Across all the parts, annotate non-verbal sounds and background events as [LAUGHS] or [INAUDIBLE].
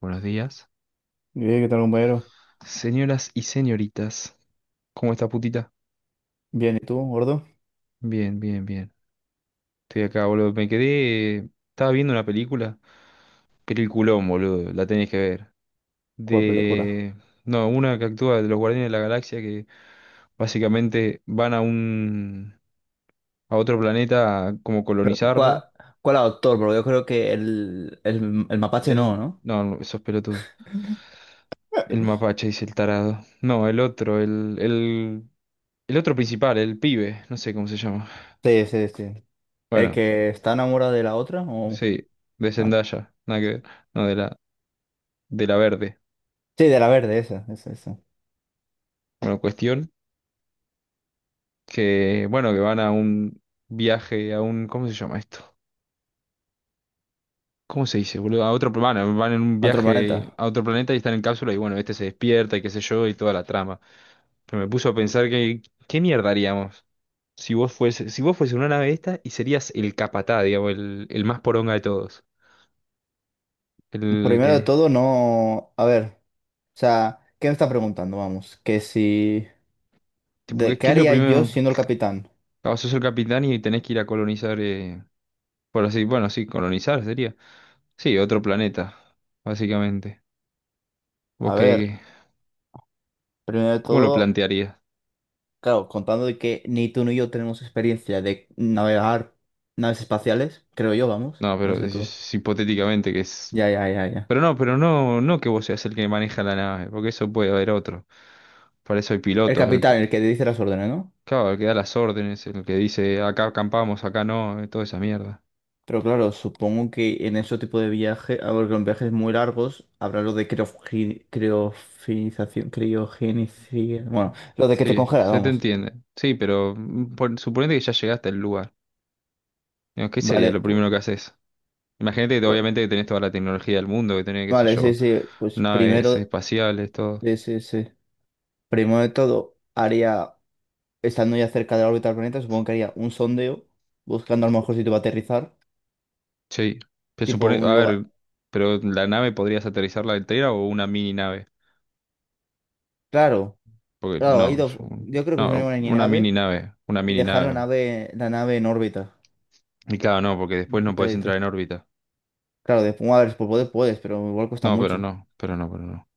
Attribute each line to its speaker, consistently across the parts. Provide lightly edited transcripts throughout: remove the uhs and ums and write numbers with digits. Speaker 1: Buenos días.
Speaker 2: Bien, ¿qué tal, compañero?
Speaker 1: Señoras y señoritas, ¿cómo está putita?
Speaker 2: Bien, ¿y tú, gordo?
Speaker 1: Bien, bien, bien. Estoy acá, boludo. Me quedé. Estaba viendo una película. Peliculón, boludo. La tenés que ver.
Speaker 2: ¿Cuál película?
Speaker 1: De. No, una que actúa de los Guardianes de la Galaxia que básicamente van a un. A otro planeta a como
Speaker 2: ¿Cuál,
Speaker 1: colonizarlo.
Speaker 2: cuál autor? Porque yo creo que el mapache
Speaker 1: El...
Speaker 2: no, ¿no?
Speaker 1: No, no, esos pelotudos. El mapache, dice el tarado. No, el otro, el. El otro principal, el pibe. No sé cómo se llama.
Speaker 2: Sí, sí, sí. El
Speaker 1: Bueno.
Speaker 2: que está enamorado de la otra o...
Speaker 1: Sí, de
Speaker 2: ah,
Speaker 1: Zendaya, nada que ver, no, de la verde.
Speaker 2: sí, de la verde, esa.
Speaker 1: Bueno, cuestión que, bueno, que van a un viaje, a un, ¿cómo se llama esto? ¿Cómo se dice, boludo? A otro planeta, van en un
Speaker 2: Otro
Speaker 1: viaje
Speaker 2: planeta.
Speaker 1: a otro planeta y están en cápsula y bueno, este se despierta y qué sé yo y toda la trama. Pero me puso a pensar que, ¿qué mierda haríamos? Si vos fuese, si vos fuese una nave esta y serías el capatá, digamos, el más poronga de todos. El
Speaker 2: Primero de
Speaker 1: que,
Speaker 2: todo, no. A ver, o sea, ¿qué me está preguntando? Vamos, que si.
Speaker 1: tipo,
Speaker 2: ¿De
Speaker 1: ¿
Speaker 2: qué
Speaker 1: qué es lo
Speaker 2: haría yo
Speaker 1: primero?
Speaker 2: siendo el capitán?
Speaker 1: Ah, sos el capitán y tenés que ir a colonizar, por así, bueno, sí, colonizar sería. Sí, otro planeta, básicamente. ¿Vos
Speaker 2: A ver,
Speaker 1: qué,
Speaker 2: primero de
Speaker 1: cómo lo
Speaker 2: todo.
Speaker 1: plantearías?
Speaker 2: Claro, contando de que ni tú ni yo tenemos experiencia de navegar naves espaciales, creo yo, vamos,
Speaker 1: No, pero
Speaker 2: no sé tú.
Speaker 1: es hipotéticamente que es...
Speaker 2: Ya, ya, ya, ya.
Speaker 1: Pero no, no que vos seas el que maneja la nave, porque eso puede haber otro. Para eso hay
Speaker 2: El
Speaker 1: pilotos, el,
Speaker 2: capitán, el que dice las órdenes, ¿no?
Speaker 1: claro, el que da las órdenes, el que dice acá acampamos, acá no, toda esa mierda.
Speaker 2: Pero claro, supongo que en ese tipo de viaje, a ver, con viajes muy largos, habrá lo de criofinización, criogenización, bueno,
Speaker 1: Ujú.
Speaker 2: lo de que te
Speaker 1: Sí,
Speaker 2: congela,
Speaker 1: se te
Speaker 2: vamos.
Speaker 1: entiende. Sí, pero suponete que ya llegaste al lugar. Digo, ¿qué sería
Speaker 2: Vale,
Speaker 1: lo
Speaker 2: pues,
Speaker 1: primero que haces? Imagínate que obviamente que tenés toda la tecnología del mundo, que tenés, qué sé
Speaker 2: vale, sí,
Speaker 1: yo,
Speaker 2: sí, pues
Speaker 1: naves
Speaker 2: primero,
Speaker 1: espaciales, todo.
Speaker 2: sí, sí, sí. Primero de todo, haría estando ya cerca de la órbita del planeta, supongo que haría un sondeo buscando a lo mejor sitio para aterrizar,
Speaker 1: Sí, se
Speaker 2: tipo
Speaker 1: supone,
Speaker 2: un
Speaker 1: a
Speaker 2: lugar.
Speaker 1: ver, pero la nave podrías aterrizarla entera o una mini nave,
Speaker 2: Claro,
Speaker 1: porque
Speaker 2: claro, ha
Speaker 1: no, es
Speaker 2: ido. Yo creo que se
Speaker 1: no,
Speaker 2: van a ir en
Speaker 1: una mini
Speaker 2: nave
Speaker 1: nave, una
Speaker 2: y
Speaker 1: mini
Speaker 2: dejar
Speaker 1: nave.
Speaker 2: la nave en órbita,
Speaker 1: Y claro, no, porque
Speaker 2: un
Speaker 1: después no podés
Speaker 2: satélite.
Speaker 1: entrar en órbita.
Speaker 2: Claro, de bueno, a ver, por poder puedes, pero igual cuesta
Speaker 1: No, pero
Speaker 2: mucho.
Speaker 1: no, pero no, pero no.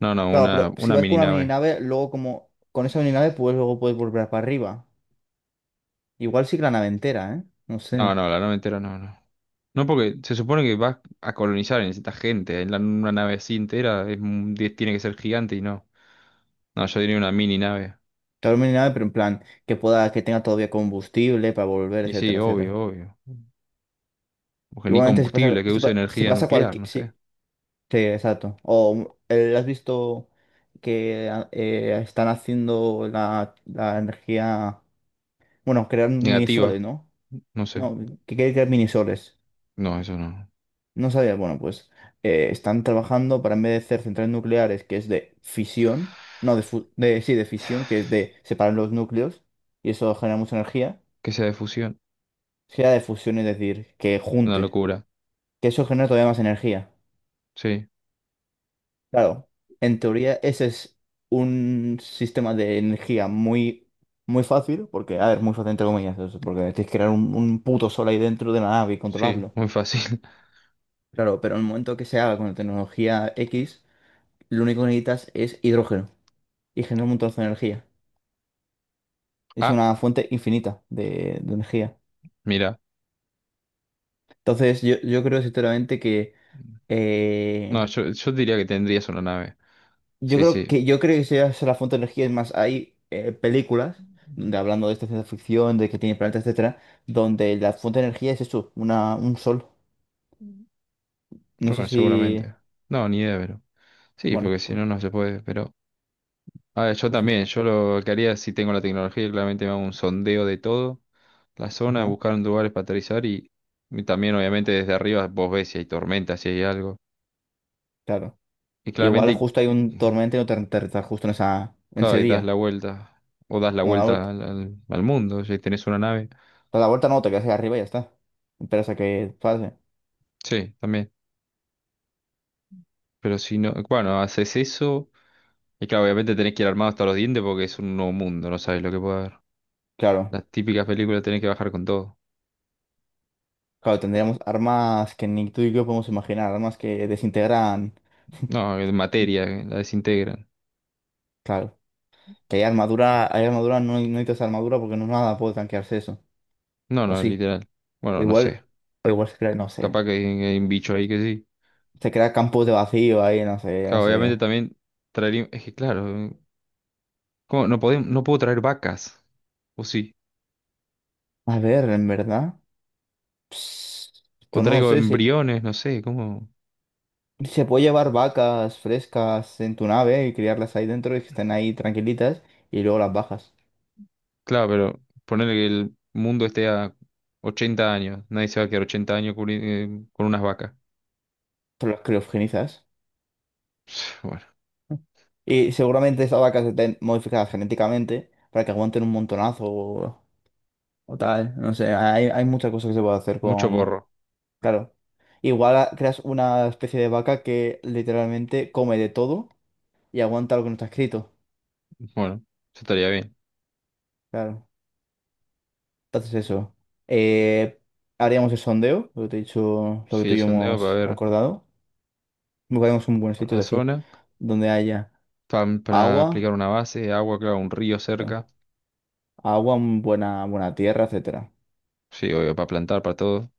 Speaker 1: No, no,
Speaker 2: Claro, pero si
Speaker 1: una
Speaker 2: vas con
Speaker 1: mini
Speaker 2: una mini
Speaker 1: nave.
Speaker 2: nave, luego como con esa mini nave, pues luego puedes volver para arriba. Igual sí que la nave entera, ¿eh? No
Speaker 1: No,
Speaker 2: sé.
Speaker 1: no, la nave entera no, no. No, porque se supone que vas a colonizar, necesitas gente. Una nave así entera es, tiene que ser gigante y no. No, yo diría una mini nave.
Speaker 2: Claro, mini nave, pero en plan, que pueda, que tenga todavía combustible para volver,
Speaker 1: Y sí,
Speaker 2: etcétera,
Speaker 1: obvio,
Speaker 2: etcétera.
Speaker 1: obvio. Porque ni
Speaker 2: Igualmente, si pasa,
Speaker 1: combustible, que use
Speaker 2: si
Speaker 1: energía
Speaker 2: pasa
Speaker 1: nuclear,
Speaker 2: cualquier.
Speaker 1: no
Speaker 2: Si
Speaker 1: sé.
Speaker 2: sí, exacto. O has visto que están haciendo la energía, bueno, creando
Speaker 1: Negativa,
Speaker 2: minisoles, ¿no?
Speaker 1: no sé.
Speaker 2: No, que quiere crear minisoles.
Speaker 1: No, eso no.
Speaker 2: No sabía, bueno, pues están trabajando para en vez de hacer centrales nucleares, que es de fisión, no, sí, de fisión, que es de separar los núcleos, y eso genera mucha energía,
Speaker 1: Que sea de fusión.
Speaker 2: sea de fusión, es decir, que
Speaker 1: Una
Speaker 2: junte,
Speaker 1: locura.
Speaker 2: que eso genera todavía más energía.
Speaker 1: Sí,
Speaker 2: Claro, en teoría ese es un sistema de energía muy, muy fácil, porque, a ver, muy fácil entre comillas, eso, porque tienes que crear un puto sol ahí dentro de la nave y
Speaker 1: sí,
Speaker 2: controlarlo.
Speaker 1: muy fácil. [LAUGHS]
Speaker 2: Claro, pero en el momento que se haga con la tecnología X, lo único que necesitas es hidrógeno y genera un montón de energía. Es
Speaker 1: Ah,
Speaker 2: una fuente infinita de energía.
Speaker 1: mira.
Speaker 2: Entonces, yo creo sinceramente que
Speaker 1: No,
Speaker 2: eh,
Speaker 1: yo diría que tendrías una nave.
Speaker 2: yo
Speaker 1: Sí,
Speaker 2: creo
Speaker 1: sí.
Speaker 2: que esa es la fuente de energía. Es más, hay películas donde hablando de esta ciencia ficción, de que tiene planetas, etcétera, donde la fuente de energía es eso, una, un sol. No sé
Speaker 1: Bueno,
Speaker 2: si.
Speaker 1: seguramente. No, ni idea, pero. Sí,
Speaker 2: Bueno,
Speaker 1: porque si
Speaker 2: pues,
Speaker 1: no, no se puede. Pero. A ver, yo
Speaker 2: pues eso.
Speaker 1: también. Yo lo que haría si tengo la tecnología, claramente me hago un sondeo de todo. La zona,
Speaker 2: Ajá,
Speaker 1: buscar lugares para aterrizar y también, obviamente, desde arriba vos ves si hay tormenta, si hay algo.
Speaker 2: claro.
Speaker 1: Y
Speaker 2: Igual
Speaker 1: claramente.
Speaker 2: justo hay un tormento y no te enteras justo en esa, en
Speaker 1: Claro,
Speaker 2: ese
Speaker 1: y das la
Speaker 2: día.
Speaker 1: vuelta. O das la
Speaker 2: Bueno, la
Speaker 1: vuelta
Speaker 2: vuelta,
Speaker 1: al mundo, si tenés una nave.
Speaker 2: a la vuelta no, te quedas ahí arriba y ya está. Esperas a que pase.
Speaker 1: Sí, también. Pero si no, bueno, haces eso. Y claro, obviamente tenés que ir armado hasta los dientes porque es un nuevo mundo, no sabes lo que puede haber.
Speaker 2: Claro.
Speaker 1: Las típicas películas tenés que bajar con todo.
Speaker 2: Claro, tendríamos armas que ni tú y yo podemos imaginar, armas que desintegran.
Speaker 1: No, en materia,
Speaker 2: [LAUGHS]
Speaker 1: la desintegran.
Speaker 2: Claro. Que hay armadura, no, no necesitas armadura porque no nada puede tanquearse eso.
Speaker 1: No,
Speaker 2: O
Speaker 1: no,
Speaker 2: sí.
Speaker 1: literal.
Speaker 2: O
Speaker 1: Bueno, no sé.
Speaker 2: igual, o igual se crea, no sé.
Speaker 1: Capaz que hay un bicho ahí que sí.
Speaker 2: Se crea campos de vacío ahí, no sé, no
Speaker 1: Claro,
Speaker 2: sé
Speaker 1: obviamente
Speaker 2: qué.
Speaker 1: también traería. Es que claro, ¿cómo? No podemos, no puedo traer vacas. O sí.
Speaker 2: A ver, en verdad. Pues,
Speaker 1: O
Speaker 2: pues no lo
Speaker 1: traigo
Speaker 2: sé, si
Speaker 1: embriones, no sé, ¿cómo?
Speaker 2: si se puede llevar vacas frescas en tu nave y criarlas ahí dentro y que estén ahí tranquilitas y luego las bajas.
Speaker 1: Claro, pero ponerle que el mundo esté a 80 años. Nadie se va a quedar 80 años con unas vacas. [LAUGHS]
Speaker 2: Pero las criogenizas.
Speaker 1: [SIGHS] Bueno,
Speaker 2: Y seguramente esas vacas estén modificadas genéticamente para que aguanten un montonazo o tal. No sé, hay muchas cosas que se puede hacer.
Speaker 1: mucho porro.
Speaker 2: Claro. Creas una especie de vaca que literalmente come de todo y aguanta lo que no está escrito.
Speaker 1: Bueno, eso estaría bien.
Speaker 2: Claro. Entonces eso. Eh, Haríamos el sondeo, lo que te he dicho, lo que
Speaker 1: Sí,
Speaker 2: tú y
Speaker 1: el
Speaker 2: yo
Speaker 1: sondeo para
Speaker 2: hemos
Speaker 1: ver
Speaker 2: acordado. Buscaríamos un buen sitio,
Speaker 1: la
Speaker 2: es decir,
Speaker 1: zona.
Speaker 2: donde haya
Speaker 1: Pa para aplicar
Speaker 2: agua,
Speaker 1: una base, agua, claro, un río cerca.
Speaker 2: claro, agua, un buena, buena tierra, etcétera.
Speaker 1: Sí, obvio, para plantar, para todo.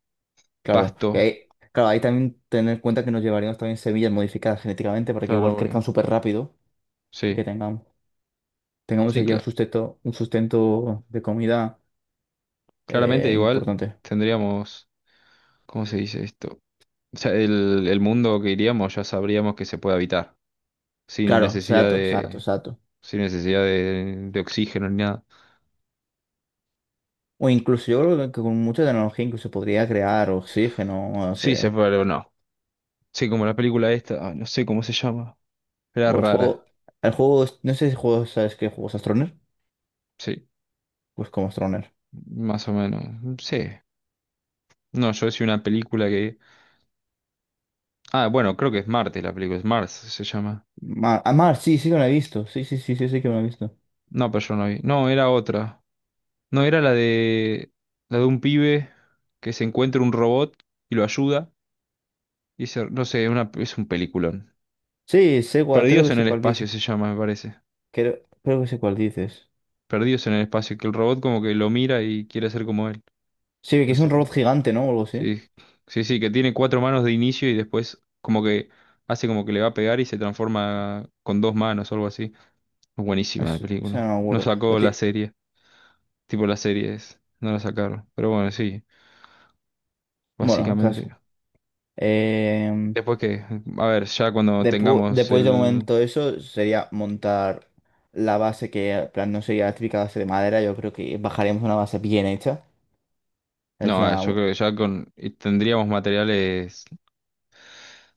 Speaker 2: Claro. Y
Speaker 1: Pasto,
Speaker 2: ahí, claro, ahí también tener en cuenta que nos llevaríamos también semillas modificadas genéticamente para que
Speaker 1: claro,
Speaker 2: igual crezcan
Speaker 1: obvio.
Speaker 2: súper rápido y que
Speaker 1: Sí,
Speaker 2: tengamos, tengamos
Speaker 1: sí,
Speaker 2: ya
Speaker 1: claro.
Speaker 2: un sustento de comida
Speaker 1: Claramente igual
Speaker 2: importante.
Speaker 1: tendríamos, ¿cómo se dice esto? O sea, el mundo que iríamos ya sabríamos que se puede habitar, sin
Speaker 2: Claro,
Speaker 1: necesidad
Speaker 2: exacto, exacto,
Speaker 1: de
Speaker 2: exacto.
Speaker 1: sin necesidad de oxígeno ni nada.
Speaker 2: O incluso yo creo que con mucha tecnología incluso podría crear oxígeno, no
Speaker 1: Sí, se
Speaker 2: sé.
Speaker 1: fue, pero no. Sí, como la película esta, ay, no sé cómo se llama. Era
Speaker 2: O
Speaker 1: rara,
Speaker 2: el juego, no sé si juego, ¿sabes qué juegos Astroner?
Speaker 1: sí,
Speaker 2: Pues como Astroner.
Speaker 1: más o menos. Sí. No, yo decía una película que... Ah, bueno, creo que es Marte la película, es Mars se llama.
Speaker 2: Mar, ah, Mar, sí, sí que me lo he visto. Sí, sí, sí, sí, sí que me lo he visto.
Speaker 1: No, pero yo no vi. No, era otra. No, era la de... La de un pibe que se encuentra un robot y lo ayuda. Y no sé, una, es un peliculón.
Speaker 2: Sí, sé cuál, creo
Speaker 1: Perdidos
Speaker 2: que
Speaker 1: en
Speaker 2: sé
Speaker 1: el
Speaker 2: cuál
Speaker 1: Espacio
Speaker 2: dices.
Speaker 1: se llama, me parece.
Speaker 2: Creo, creo que sé cuál dices.
Speaker 1: Perdidos en el Espacio, que el robot como que lo mira y quiere ser como él.
Speaker 2: Sí, que
Speaker 1: No
Speaker 2: es un
Speaker 1: sé.
Speaker 2: robot gigante, ¿no? O algo así.
Speaker 1: Sí, sí, sí, que tiene cuatro manos de inicio y después como que hace como que le va a pegar y se transforma con dos manos o algo así. Buenísima la
Speaker 2: Es, o sea,
Speaker 1: película.
Speaker 2: no me
Speaker 1: No
Speaker 2: acuerdo.
Speaker 1: sacó la serie, tipo las series, no la sacaron. Pero bueno, sí,
Speaker 2: Bueno, en caso.
Speaker 1: básicamente.
Speaker 2: Em,
Speaker 1: Después que, a ver, ya cuando tengamos
Speaker 2: Después de
Speaker 1: el...
Speaker 2: momento eso sería montar la base que en plan no sería la típica base de madera, yo creo que bajaríamos una base bien hecha. Es
Speaker 1: No, a ver, yo
Speaker 2: una
Speaker 1: creo que ya con... y tendríamos materiales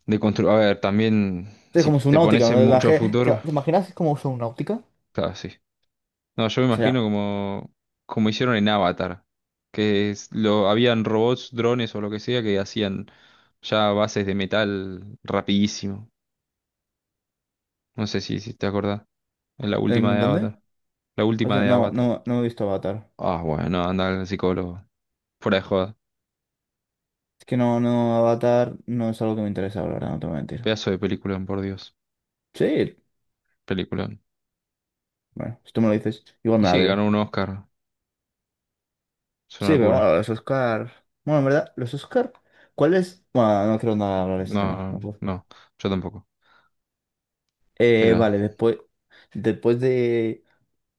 Speaker 1: de construir... A ver, también
Speaker 2: es
Speaker 1: si
Speaker 2: como
Speaker 1: te
Speaker 2: subnáutica,
Speaker 1: pones
Speaker 2: ¿no?
Speaker 1: en mucho a
Speaker 2: ¿Te,
Speaker 1: futuro,
Speaker 2: te imaginas cómo usa náutica? O
Speaker 1: claro, sí. No, yo me
Speaker 2: sea,
Speaker 1: imagino como, como hicieron en Avatar, que habían robots, drones o lo que sea que hacían ya bases de metal rapidísimo. No sé si, si te acordás. En la última
Speaker 2: ¿en
Speaker 1: de
Speaker 2: dónde?
Speaker 1: Avatar. La
Speaker 2: No,
Speaker 1: última
Speaker 2: sé,
Speaker 1: de
Speaker 2: no,
Speaker 1: Avatar.
Speaker 2: no no he visto Avatar.
Speaker 1: Ah, bueno, no, anda al psicólogo. Fuera de joda.
Speaker 2: Es que no, no, Avatar no es algo que me interesa, la verdad, no te voy a mentir.
Speaker 1: Pedazo de película por Dios.
Speaker 2: Sí,
Speaker 1: Película.
Speaker 2: bueno, si tú me lo dices, igual
Speaker 1: Y
Speaker 2: me la
Speaker 1: sí, ganó
Speaker 2: veo.
Speaker 1: un Oscar. Es una
Speaker 2: Sí, pero
Speaker 1: locura.
Speaker 2: bueno, los Oscar. Bueno, en verdad, los Oscar, ¿cuál es? Bueno, no quiero nada hablar de este tema.
Speaker 1: No,
Speaker 2: No
Speaker 1: no,
Speaker 2: puedo.
Speaker 1: no, yo tampoco. Pero,
Speaker 2: Vale, después, después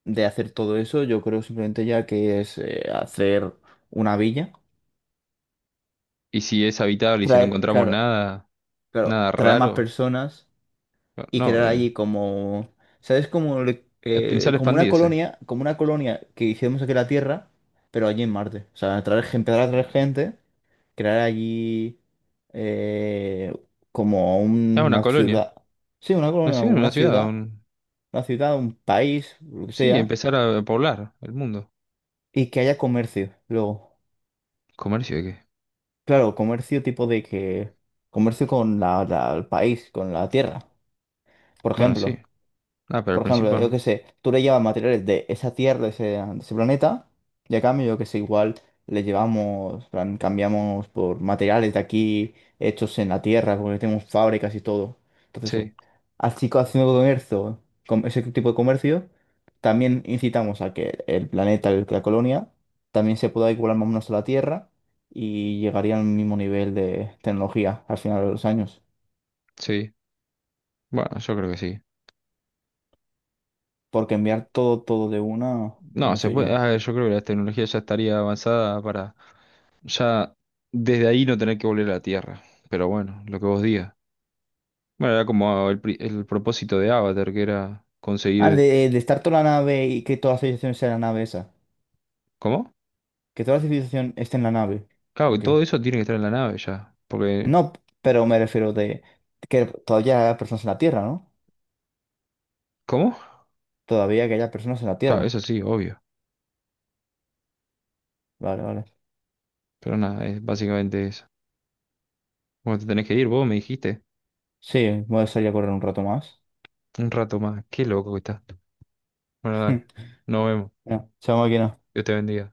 Speaker 2: de hacer todo eso, yo creo simplemente ya que es hacer una villa,
Speaker 1: ¿y si es habitable y si no
Speaker 2: traer,
Speaker 1: encontramos
Speaker 2: claro,
Speaker 1: nada,
Speaker 2: claro,
Speaker 1: nada
Speaker 2: traer más
Speaker 1: raro?
Speaker 2: personas y
Speaker 1: No,
Speaker 2: crear allí como, ¿sabes? Como,
Speaker 1: es pensar expandirse.
Speaker 2: como una colonia que hicimos aquí en la Tierra, pero allí en Marte. O sea, traer, empezar a traer gente, crear allí eh, como
Speaker 1: Ah, una
Speaker 2: una
Speaker 1: colonia.
Speaker 2: ciudad. Sí, una colonia,
Speaker 1: Nació
Speaker 2: como
Speaker 1: en una ciudad. Un.
Speaker 2: una ciudad, un país, lo que
Speaker 1: Sí,
Speaker 2: sea.
Speaker 1: empezar a poblar el mundo.
Speaker 2: Y que haya comercio, luego.
Speaker 1: ¿Comercio de qué?
Speaker 2: Claro, comercio tipo de que... Comercio con el país, con la tierra, por
Speaker 1: Bueno, sí.
Speaker 2: ejemplo.
Speaker 1: Ah, pero al
Speaker 2: Por ejemplo, yo
Speaker 1: principio.
Speaker 2: qué sé, tú le llevas materiales de esa Tierra, de ese planeta, y a cambio, yo que sé, igual le llevamos, en plan, cambiamos por materiales de aquí hechos en la Tierra, porque tenemos fábricas y todo. Entonces,
Speaker 1: Sí,
Speaker 2: haciendo comercio, con ese tipo de comercio, también incitamos a que el planeta, la colonia, también se pueda igualar más o menos a la Tierra y llegaría al mismo nivel de tecnología al final de los años.
Speaker 1: sí. Bueno, yo creo que sí.
Speaker 2: Porque enviar todo, todo de una,
Speaker 1: No,
Speaker 2: no
Speaker 1: se
Speaker 2: sé
Speaker 1: puede.
Speaker 2: yo.
Speaker 1: Ah, yo creo que la tecnología ya estaría avanzada para ya desde ahí no tener que volver a la Tierra. Pero bueno, lo que vos digas. Bueno, era como el, el propósito de Avatar, que era
Speaker 2: Ah,
Speaker 1: conseguir.
Speaker 2: de estar toda la nave y que toda la civilización sea la nave esa.
Speaker 1: ¿Cómo?
Speaker 2: Que toda la civilización esté en la nave.
Speaker 1: Claro, y
Speaker 2: Ok.
Speaker 1: todo eso tiene que estar en la nave ya. Porque.
Speaker 2: No, pero me refiero de que todavía haya personas en la Tierra, ¿no?
Speaker 1: ¿Cómo?
Speaker 2: Todavía que haya personas en la
Speaker 1: Claro,
Speaker 2: Tierra.
Speaker 1: eso sí, obvio.
Speaker 2: Vale, vale.
Speaker 1: Pero nada, es básicamente eso. Bueno, te tenés que ir, vos me dijiste.
Speaker 2: Sí, voy a salir a correr un rato más.
Speaker 1: Un rato más. Qué loco que estás. Bueno, dale. Nos
Speaker 2: [LAUGHS]
Speaker 1: vemos.
Speaker 2: No, chao máquina.
Speaker 1: Dios te bendiga.